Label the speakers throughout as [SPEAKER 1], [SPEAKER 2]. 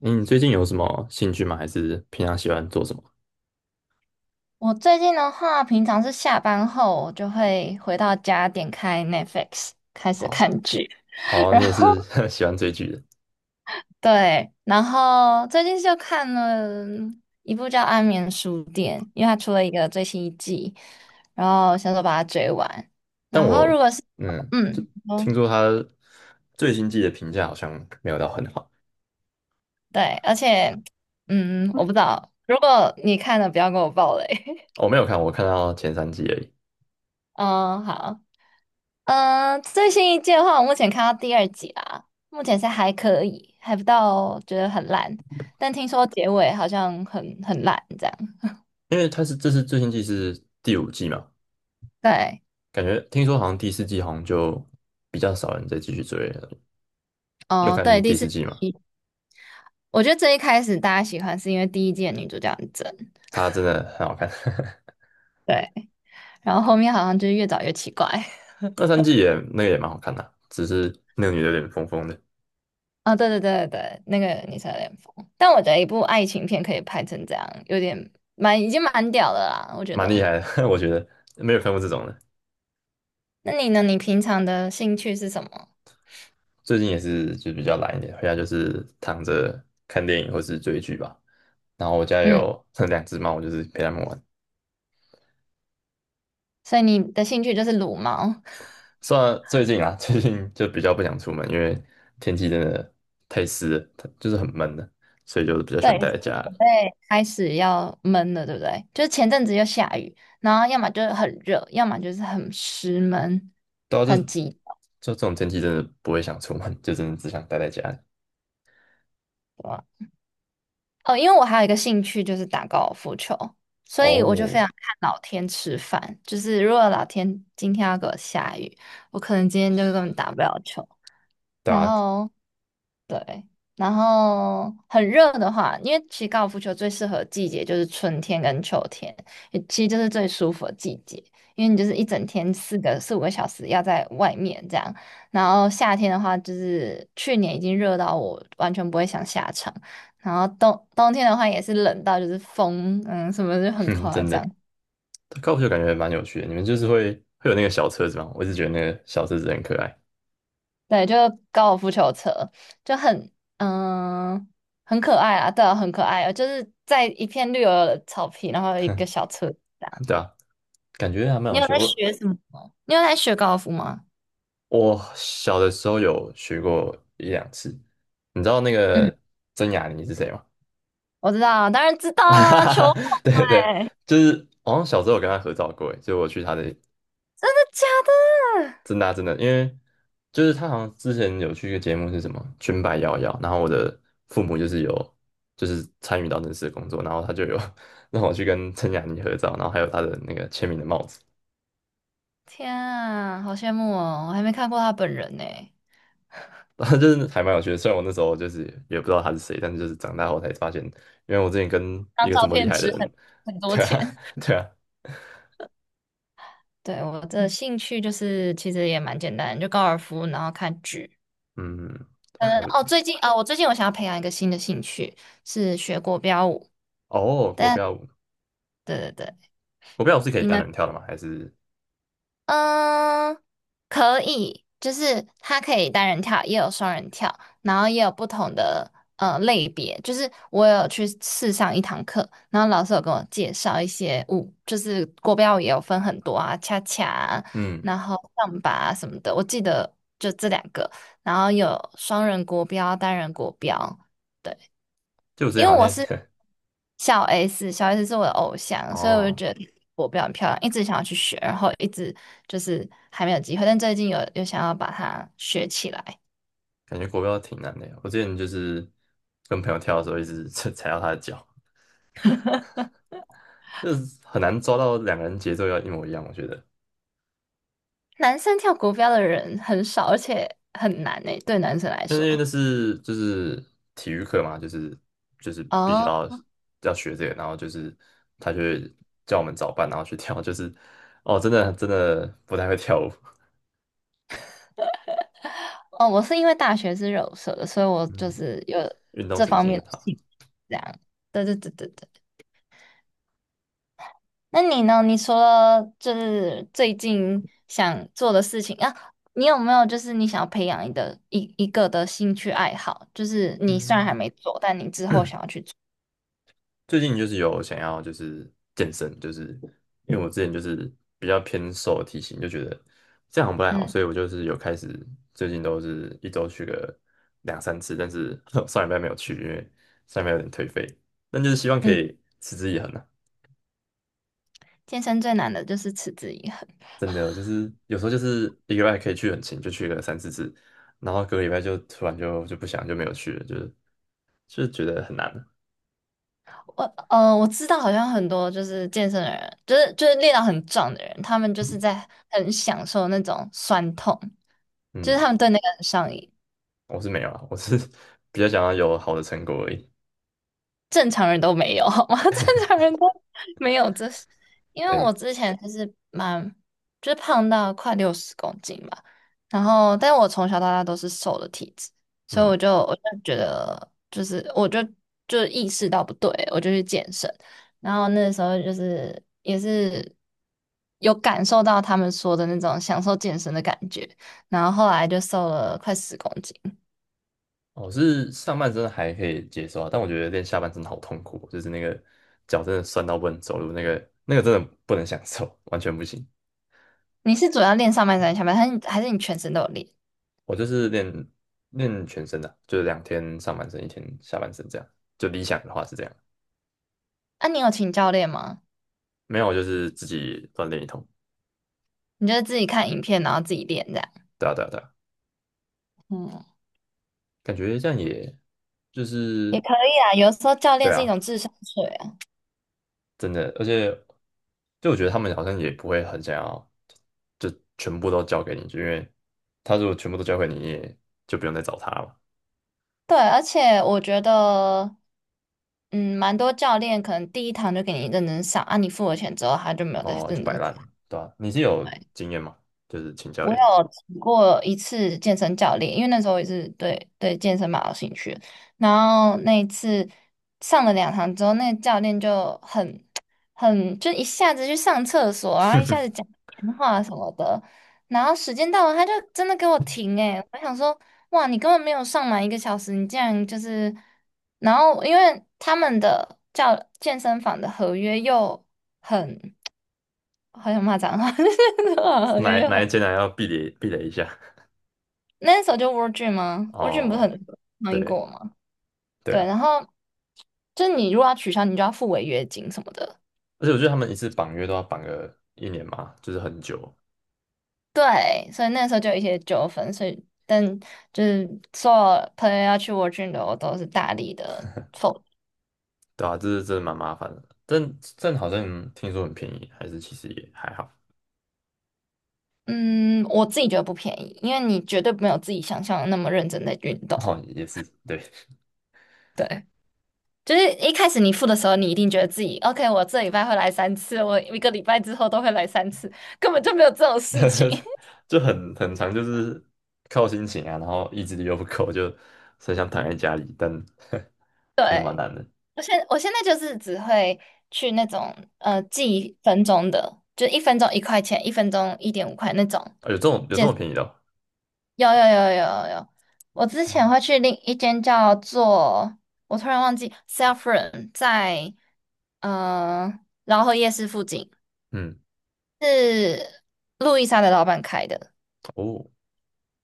[SPEAKER 1] 嗯你最近有什么兴趣吗？还是平常喜欢做什么？
[SPEAKER 2] 我最近的话，平常是下班后我就会回到家，点开 Netflix 开始
[SPEAKER 1] 哦
[SPEAKER 2] 看剧，
[SPEAKER 1] 哦，
[SPEAKER 2] 然
[SPEAKER 1] 你也
[SPEAKER 2] 后
[SPEAKER 1] 是 喜欢追剧的。
[SPEAKER 2] 对，然后最近就看了一部叫《安眠书店》，因为它出了一个最新一季，然后想说把它追完。
[SPEAKER 1] 但
[SPEAKER 2] 然后如
[SPEAKER 1] 我
[SPEAKER 2] 果是，
[SPEAKER 1] 就听
[SPEAKER 2] 哦，
[SPEAKER 1] 说他最新季的评价好像没有到很好。
[SPEAKER 2] 对，而且我不知道，如果你看了不要跟我爆雷。
[SPEAKER 1] 我没有看，我看到前三季而已。
[SPEAKER 2] 嗯，好。最新一季的话，我目前看到第二集啦，目前是还可以，还不到觉得很烂，但听说结尾好像很烂这样。
[SPEAKER 1] 因为这是最新季是第五季嘛，
[SPEAKER 2] 对，
[SPEAKER 1] 感觉听说好像第四季好像就比较少人再继续追了。有
[SPEAKER 2] 哦，对，
[SPEAKER 1] 看
[SPEAKER 2] 第
[SPEAKER 1] 第
[SPEAKER 2] 四
[SPEAKER 1] 四季嘛？
[SPEAKER 2] 季。我觉得最一开始大家喜欢是因为第一季的女主角很正，
[SPEAKER 1] 它真的很好看，
[SPEAKER 2] 对，然后后面好像就是越找越奇怪。
[SPEAKER 1] 二三季也那个也蛮好看的啊，只是那个女的有点疯疯的。
[SPEAKER 2] 啊、对对对对对，那个女生有点疯，但我觉得一部爱情片可以拍成这样，有点蛮已经蛮屌的啦，我觉
[SPEAKER 1] 蛮厉
[SPEAKER 2] 得。
[SPEAKER 1] 害的，我觉得没有看过这种的。
[SPEAKER 2] 那你呢？你平常的兴趣是什么？
[SPEAKER 1] 最近也是就比较懒一点，回家就是躺着看电影或是追剧吧。然后我家
[SPEAKER 2] 嗯。
[SPEAKER 1] 有 两只猫，我就是陪它们玩。
[SPEAKER 2] 所以你的兴趣就是撸猫。
[SPEAKER 1] 虽然最近啊，最近就比较不想出门，因为天气真的太湿了，它就是很闷的，所以就比较喜
[SPEAKER 2] 对，
[SPEAKER 1] 欢
[SPEAKER 2] 已
[SPEAKER 1] 待
[SPEAKER 2] 经
[SPEAKER 1] 在家
[SPEAKER 2] 准
[SPEAKER 1] 里。
[SPEAKER 2] 备开始要闷了，对不对？就是前阵子又下雨，然后要么就是很热，要么就是很湿闷，
[SPEAKER 1] 对啊，就
[SPEAKER 2] 很
[SPEAKER 1] 就
[SPEAKER 2] 急
[SPEAKER 1] 这种天气真的不会想出门，就真的只想待在家里。
[SPEAKER 2] 躁。哦，因为我还有一个兴趣就是打高尔夫球，所以我就非
[SPEAKER 1] 哦，
[SPEAKER 2] 常看老天吃饭。就是如果老天今天要给我下雨，我可能今天就根本打不了球。
[SPEAKER 1] 对
[SPEAKER 2] 然
[SPEAKER 1] 啊。
[SPEAKER 2] 后对，然后很热的话，因为其实高尔夫球最适合的季节就是春天跟秋天，也其实就是最舒服的季节，因为你就是一整天四五个小时要在外面这样。然后夏天的话，就是去年已经热到我完全不会想下场，然后冬天的话也是冷到就是风，什么就很
[SPEAKER 1] 哼，
[SPEAKER 2] 夸
[SPEAKER 1] 真
[SPEAKER 2] 张。
[SPEAKER 1] 的，高尔夫球感觉蛮有趣的。你们就是会有那个小车子吗？我一直觉得那个小车子很可爱。
[SPEAKER 2] 对，就高尔夫球车，就很嗯很可爱啊，对啊，很可爱啊，就是在一片绿油油的草皮，然后有一个小车。
[SPEAKER 1] 对啊，感觉还蛮
[SPEAKER 2] 你
[SPEAKER 1] 有
[SPEAKER 2] 有
[SPEAKER 1] 趣
[SPEAKER 2] 在
[SPEAKER 1] 的。我
[SPEAKER 2] 学什么吗？你有在学高尔夫吗？
[SPEAKER 1] 我小的时候有学过一两次，你知道那
[SPEAKER 2] 嗯，
[SPEAKER 1] 个曾雅妮是谁吗？
[SPEAKER 2] 我知道，当然知 道
[SPEAKER 1] 哈
[SPEAKER 2] 啊，
[SPEAKER 1] 哈
[SPEAKER 2] 球
[SPEAKER 1] 哈，对对，
[SPEAKER 2] 拍，
[SPEAKER 1] 就是好像小时候有跟她合照过欸，诶就我去她的
[SPEAKER 2] 真的假的？
[SPEAKER 1] 真的啊真的，因为就是她好像之前有去一个节目是什么《裙摆摇摇》，然后我的父母就是参与到那次的工作，然后他就有 让我去跟曾雅妮合照，然后还有她的那个签名的帽子。
[SPEAKER 2] 天啊，好羡慕哦，我还没看过他本人呢。
[SPEAKER 1] 就是还蛮有趣的。虽然我那时候就是也不知道他是谁，但是就是长大后才发现，因为我之前跟一
[SPEAKER 2] 当
[SPEAKER 1] 个这
[SPEAKER 2] 照
[SPEAKER 1] 么厉
[SPEAKER 2] 片
[SPEAKER 1] 害的
[SPEAKER 2] 值很
[SPEAKER 1] 人，
[SPEAKER 2] 很 多
[SPEAKER 1] 对
[SPEAKER 2] 钱。
[SPEAKER 1] 啊，对啊，
[SPEAKER 2] 对，我的兴趣就是其实也蛮简单，就高尔夫，然后看剧。
[SPEAKER 1] 嗯，他还不
[SPEAKER 2] 最近啊，我最近我想要培养一个新的兴趣，是学国标舞。
[SPEAKER 1] 哦，国
[SPEAKER 2] 但
[SPEAKER 1] 标舞。
[SPEAKER 2] 对对对，
[SPEAKER 1] 国标舞是可以
[SPEAKER 2] 你
[SPEAKER 1] 单
[SPEAKER 2] 呢？
[SPEAKER 1] 人跳的吗？还是
[SPEAKER 2] 嗯，可以，就是它可以单人跳，也有双人跳，然后也有不同的类别。就是我有去试上一堂课，然后老师有跟我介绍一些舞，就是国标舞也有分很多啊，恰恰啊
[SPEAKER 1] 嗯，
[SPEAKER 2] 然后上把啊什么的。我记得就这2个，然后有双人国标、单人国标。对。
[SPEAKER 1] 就我之前
[SPEAKER 2] 因为
[SPEAKER 1] 好
[SPEAKER 2] 我
[SPEAKER 1] 像
[SPEAKER 2] 是小 S,小 S 是我的偶 像，所以我就
[SPEAKER 1] 哦，
[SPEAKER 2] 觉得我比较漂亮，一直想要去学，然后一直就是还没有机会，但最近有想要把它学起来。
[SPEAKER 1] 感觉国标挺难的呀。我之前就是跟朋友跳的时候，一直 踩到他的脚，就是很难抓到两个人节奏要一模一样，我觉得。
[SPEAKER 2] 男生跳国标的人很少，而且很难诶，对男生来
[SPEAKER 1] 那因
[SPEAKER 2] 说。
[SPEAKER 1] 为那是就是体育课嘛，就是必须
[SPEAKER 2] 哦
[SPEAKER 1] 要学这个，然后就是他就会叫我们早班，然后去跳，就是哦，真的真的不太会跳舞。
[SPEAKER 2] 哦，我是因为大学是柔社的，所以我就
[SPEAKER 1] 嗯，
[SPEAKER 2] 是有
[SPEAKER 1] 运动
[SPEAKER 2] 这
[SPEAKER 1] 神
[SPEAKER 2] 方
[SPEAKER 1] 经
[SPEAKER 2] 面
[SPEAKER 1] 很
[SPEAKER 2] 的
[SPEAKER 1] 他。
[SPEAKER 2] 兴趣，这样。对对对对对。那你呢？你除了就是最近想做的事情啊，你有没有就是你想要培养你的一个的兴趣爱好？就是你虽然还
[SPEAKER 1] 嗯。
[SPEAKER 2] 没做，但你之后想要去做。
[SPEAKER 1] 最近就是有想要就是健身，就是因为我之前就是比较偏瘦的体型，就觉得这样好像不太好，
[SPEAKER 2] 嗯
[SPEAKER 1] 所以我就是有开始最近都是一周去个两三次，但是 上礼拜没有去，因为上礼拜有点颓废，但就是希望可
[SPEAKER 2] 嗯，
[SPEAKER 1] 以持之以恒啊。
[SPEAKER 2] 健身最难的就是持之以恒。
[SPEAKER 1] 真的就是有时候就是一个礼拜可以去很勤，就去个三四次，然后隔个礼拜就突然就不想就没有去了，就是觉得很难啊。
[SPEAKER 2] 我我知道好像很多就是健身的人，就是练到很壮的人，他们就是在很享受那种酸痛，就是
[SPEAKER 1] 嗯，
[SPEAKER 2] 他们对那个很上瘾。
[SPEAKER 1] 我是没有啊，我是 比较想要有好的成果而已。
[SPEAKER 2] 正常人都没有，好吗？正常 人都没有这，因为我
[SPEAKER 1] 对。
[SPEAKER 2] 之前就是蛮，胖到快60公斤吧，然后，但我从小到大都是瘦的体质，所以
[SPEAKER 1] 嗯。
[SPEAKER 2] 我就觉得，就是我就意识到不对，我就去健身，然后那时候就是也是有感受到他们说的那种享受健身的感觉，然后后来就瘦了快十公斤。
[SPEAKER 1] 我是上半身还可以接受啊，但我觉得练下半身好痛苦哦就是那个脚真的酸到不能走路，那个真的不能享受，完全不行。
[SPEAKER 2] 你是主要练上半身还是下半身，还是你全身都有练？
[SPEAKER 1] 我就是练全身的啊，就是两天上半身，一天下半身这样。就理想的话是这样。
[SPEAKER 2] 啊，你有请教练吗？
[SPEAKER 1] 没有我就是自己锻炼一通。
[SPEAKER 2] 你就是自己看影片，然后自己练这样？
[SPEAKER 1] 对啊，对啊，对啊，
[SPEAKER 2] 嗯，
[SPEAKER 1] 感觉这样也就
[SPEAKER 2] 也
[SPEAKER 1] 是
[SPEAKER 2] 可以啊，有时候教练
[SPEAKER 1] 对
[SPEAKER 2] 是一
[SPEAKER 1] 啊。
[SPEAKER 2] 种智商税啊。
[SPEAKER 1] 真的，而且就我觉得他们好像也不会很想要，就全部都交给你，就因为他如果全部都交给你，你也就不用再找他了嘛。
[SPEAKER 2] 对，而且我觉得，蛮多教练可能第一堂就给你认真上，啊，你付了钱之后，他就没有再
[SPEAKER 1] 哦，就
[SPEAKER 2] 认
[SPEAKER 1] 摆
[SPEAKER 2] 真。
[SPEAKER 1] 烂。对吧、你是有经验吗？就是请教
[SPEAKER 2] 我
[SPEAKER 1] 练的。
[SPEAKER 2] 有请过一次健身教练，因为那时候也是对健身蛮有兴趣的，然后那一次上了2堂之后，那个教练就很 很就一下子去上厕所，然后一下子讲电话什么的。然后时间到了，他就真的给我停诶、我想说，哇，你根本没有上满1个小时，你竟然就是……然后因为他们的教健身房的合约又很，好像骂脏话，合约
[SPEAKER 1] 哪
[SPEAKER 2] 又
[SPEAKER 1] 哪一
[SPEAKER 2] 很。
[SPEAKER 1] 间还要避雷避雷一下？
[SPEAKER 2] 那时候就 World d r e a 吗？World d 不是
[SPEAKER 1] 哦，
[SPEAKER 2] 很抗议
[SPEAKER 1] 对。
[SPEAKER 2] 过吗？
[SPEAKER 1] 对
[SPEAKER 2] 对，
[SPEAKER 1] 啊，
[SPEAKER 2] 然后就你如果要取消，你就要付违约金什么的。
[SPEAKER 1] 而且我觉得他们一次绑约都要绑个一年嘛，就是很久。
[SPEAKER 2] 对，所以那时候就有一些纠纷，所以但就是所有朋友要去 World d 的，我都是大力的否。
[SPEAKER 1] 对啊，这是真的蛮麻烦的。但好像听说很便宜，还是其实也还好。
[SPEAKER 2] 嗯，我自己觉得不便宜，因为你绝对没有自己想象的那么认真的运动。
[SPEAKER 1] 哦，也是对。
[SPEAKER 2] 对，就是一开始你付的时候，你一定觉得自己 OK,我这礼拜会来三次，我一个礼拜之后都会来三次，根本就没有这种事情。
[SPEAKER 1] 就很长，就是靠心情啊，然后意志力又不够，就很想躺在家里，但 真的蛮
[SPEAKER 2] 对。
[SPEAKER 1] 难的。
[SPEAKER 2] 我现在就是只会去那种记一分钟的，就一分钟1块钱，一分钟1.5块那种
[SPEAKER 1] 啊，有这
[SPEAKER 2] 健
[SPEAKER 1] 种
[SPEAKER 2] 身。
[SPEAKER 1] 便宜的哦。
[SPEAKER 2] 有有有有有有，我之前会去另一间叫做我突然忘记 Self r o n m 在呃饶河夜市附近，
[SPEAKER 1] 嗯，
[SPEAKER 2] 是路易莎的老板开的。
[SPEAKER 1] 哦，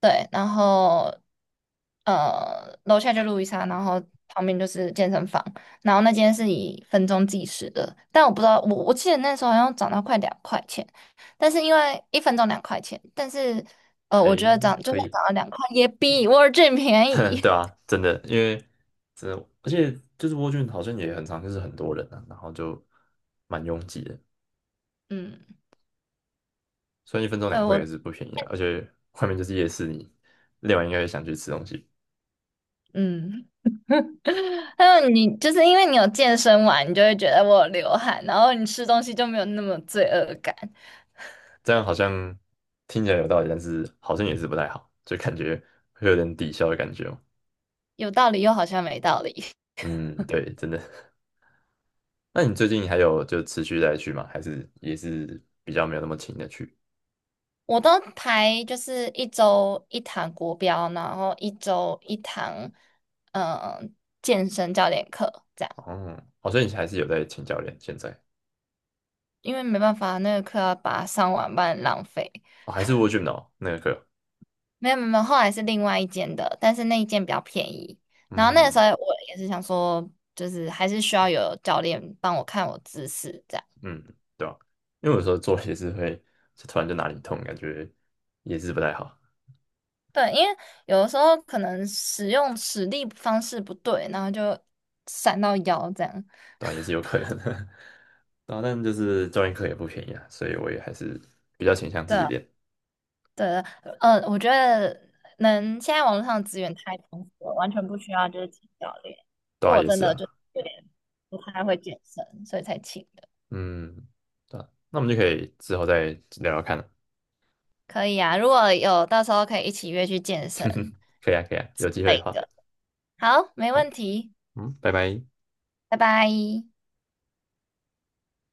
[SPEAKER 2] 对，然后楼下就路易莎，然后旁边就是健身房，然后那间是以分钟计时的，但我不知道，我记得那时候好像涨到快两块钱，但是因为一分钟两块钱，但是
[SPEAKER 1] 还
[SPEAKER 2] 我觉得涨就
[SPEAKER 1] 可以。
[SPEAKER 2] 算涨到两块，也比 World Gym 便 宜。
[SPEAKER 1] 对啊，真的，真的，而且就是蜗苣好像也很常，就是很多人啊，然后就蛮拥挤的，
[SPEAKER 2] 嗯，
[SPEAKER 1] 所以一分钟
[SPEAKER 2] 对
[SPEAKER 1] 2块也
[SPEAKER 2] 我，
[SPEAKER 1] 是不便宜啊，而且外面就是夜市，你练完应该也想去吃东西，
[SPEAKER 2] 嗯，还有你就是因为你有健身完，你就会觉得我有流汗，然后你吃东西就没有那么罪恶感，
[SPEAKER 1] 这样好像听起来有道理，但是好像也是不太好，就感觉会有点抵消的感觉哦。
[SPEAKER 2] 有道理又好像没道理。
[SPEAKER 1] 嗯，对，真的。那你最近还有就持续在去吗？还是也是比较没有那么勤的去？
[SPEAKER 2] 我都排就是一周一堂国标，然后一周一堂，嗯、健身教练课这样，
[SPEAKER 1] 哦，好像你还是有在请教练现在。
[SPEAKER 2] 因为没办法，那个课要把它上完，不然浪费。
[SPEAKER 1] 哦，还是蜗苣哦，那个课。
[SPEAKER 2] 没有没有，没有后来是另外一间的，但是那一间比较便宜。然后那个时
[SPEAKER 1] 嗯
[SPEAKER 2] 候我也是想说，就是还是需要有教练帮我看我姿势这样。
[SPEAKER 1] 嗯，对啊，因为有时候做也是会，就突然就哪里痛，感觉也是不太好。
[SPEAKER 2] 对，因为有的时候可能使力方式不对，然后就闪到腰这样。
[SPEAKER 1] 对啊，也是有可能的。对啊，但就是教练课也不便宜啊，所以我也还是比较倾向自己
[SPEAKER 2] 对。
[SPEAKER 1] 练。
[SPEAKER 2] 对，我觉得能，现在网络上的资源太丰富了，完全不需要就是请教练。
[SPEAKER 1] 对啊，
[SPEAKER 2] 我
[SPEAKER 1] 也
[SPEAKER 2] 真
[SPEAKER 1] 是
[SPEAKER 2] 的就
[SPEAKER 1] 啊。
[SPEAKER 2] 有点不太会健身，所以才请的。
[SPEAKER 1] 嗯，对啊，那我们就可以之后再聊聊看了。
[SPEAKER 2] 可以啊，如果有到时候可以一起约去健 身
[SPEAKER 1] 可以啊，可以啊，有
[SPEAKER 2] 之
[SPEAKER 1] 机会的
[SPEAKER 2] 类
[SPEAKER 1] 话，
[SPEAKER 2] 的。好，没
[SPEAKER 1] 好。
[SPEAKER 2] 问题，
[SPEAKER 1] 嗯，拜拜。
[SPEAKER 2] 拜拜。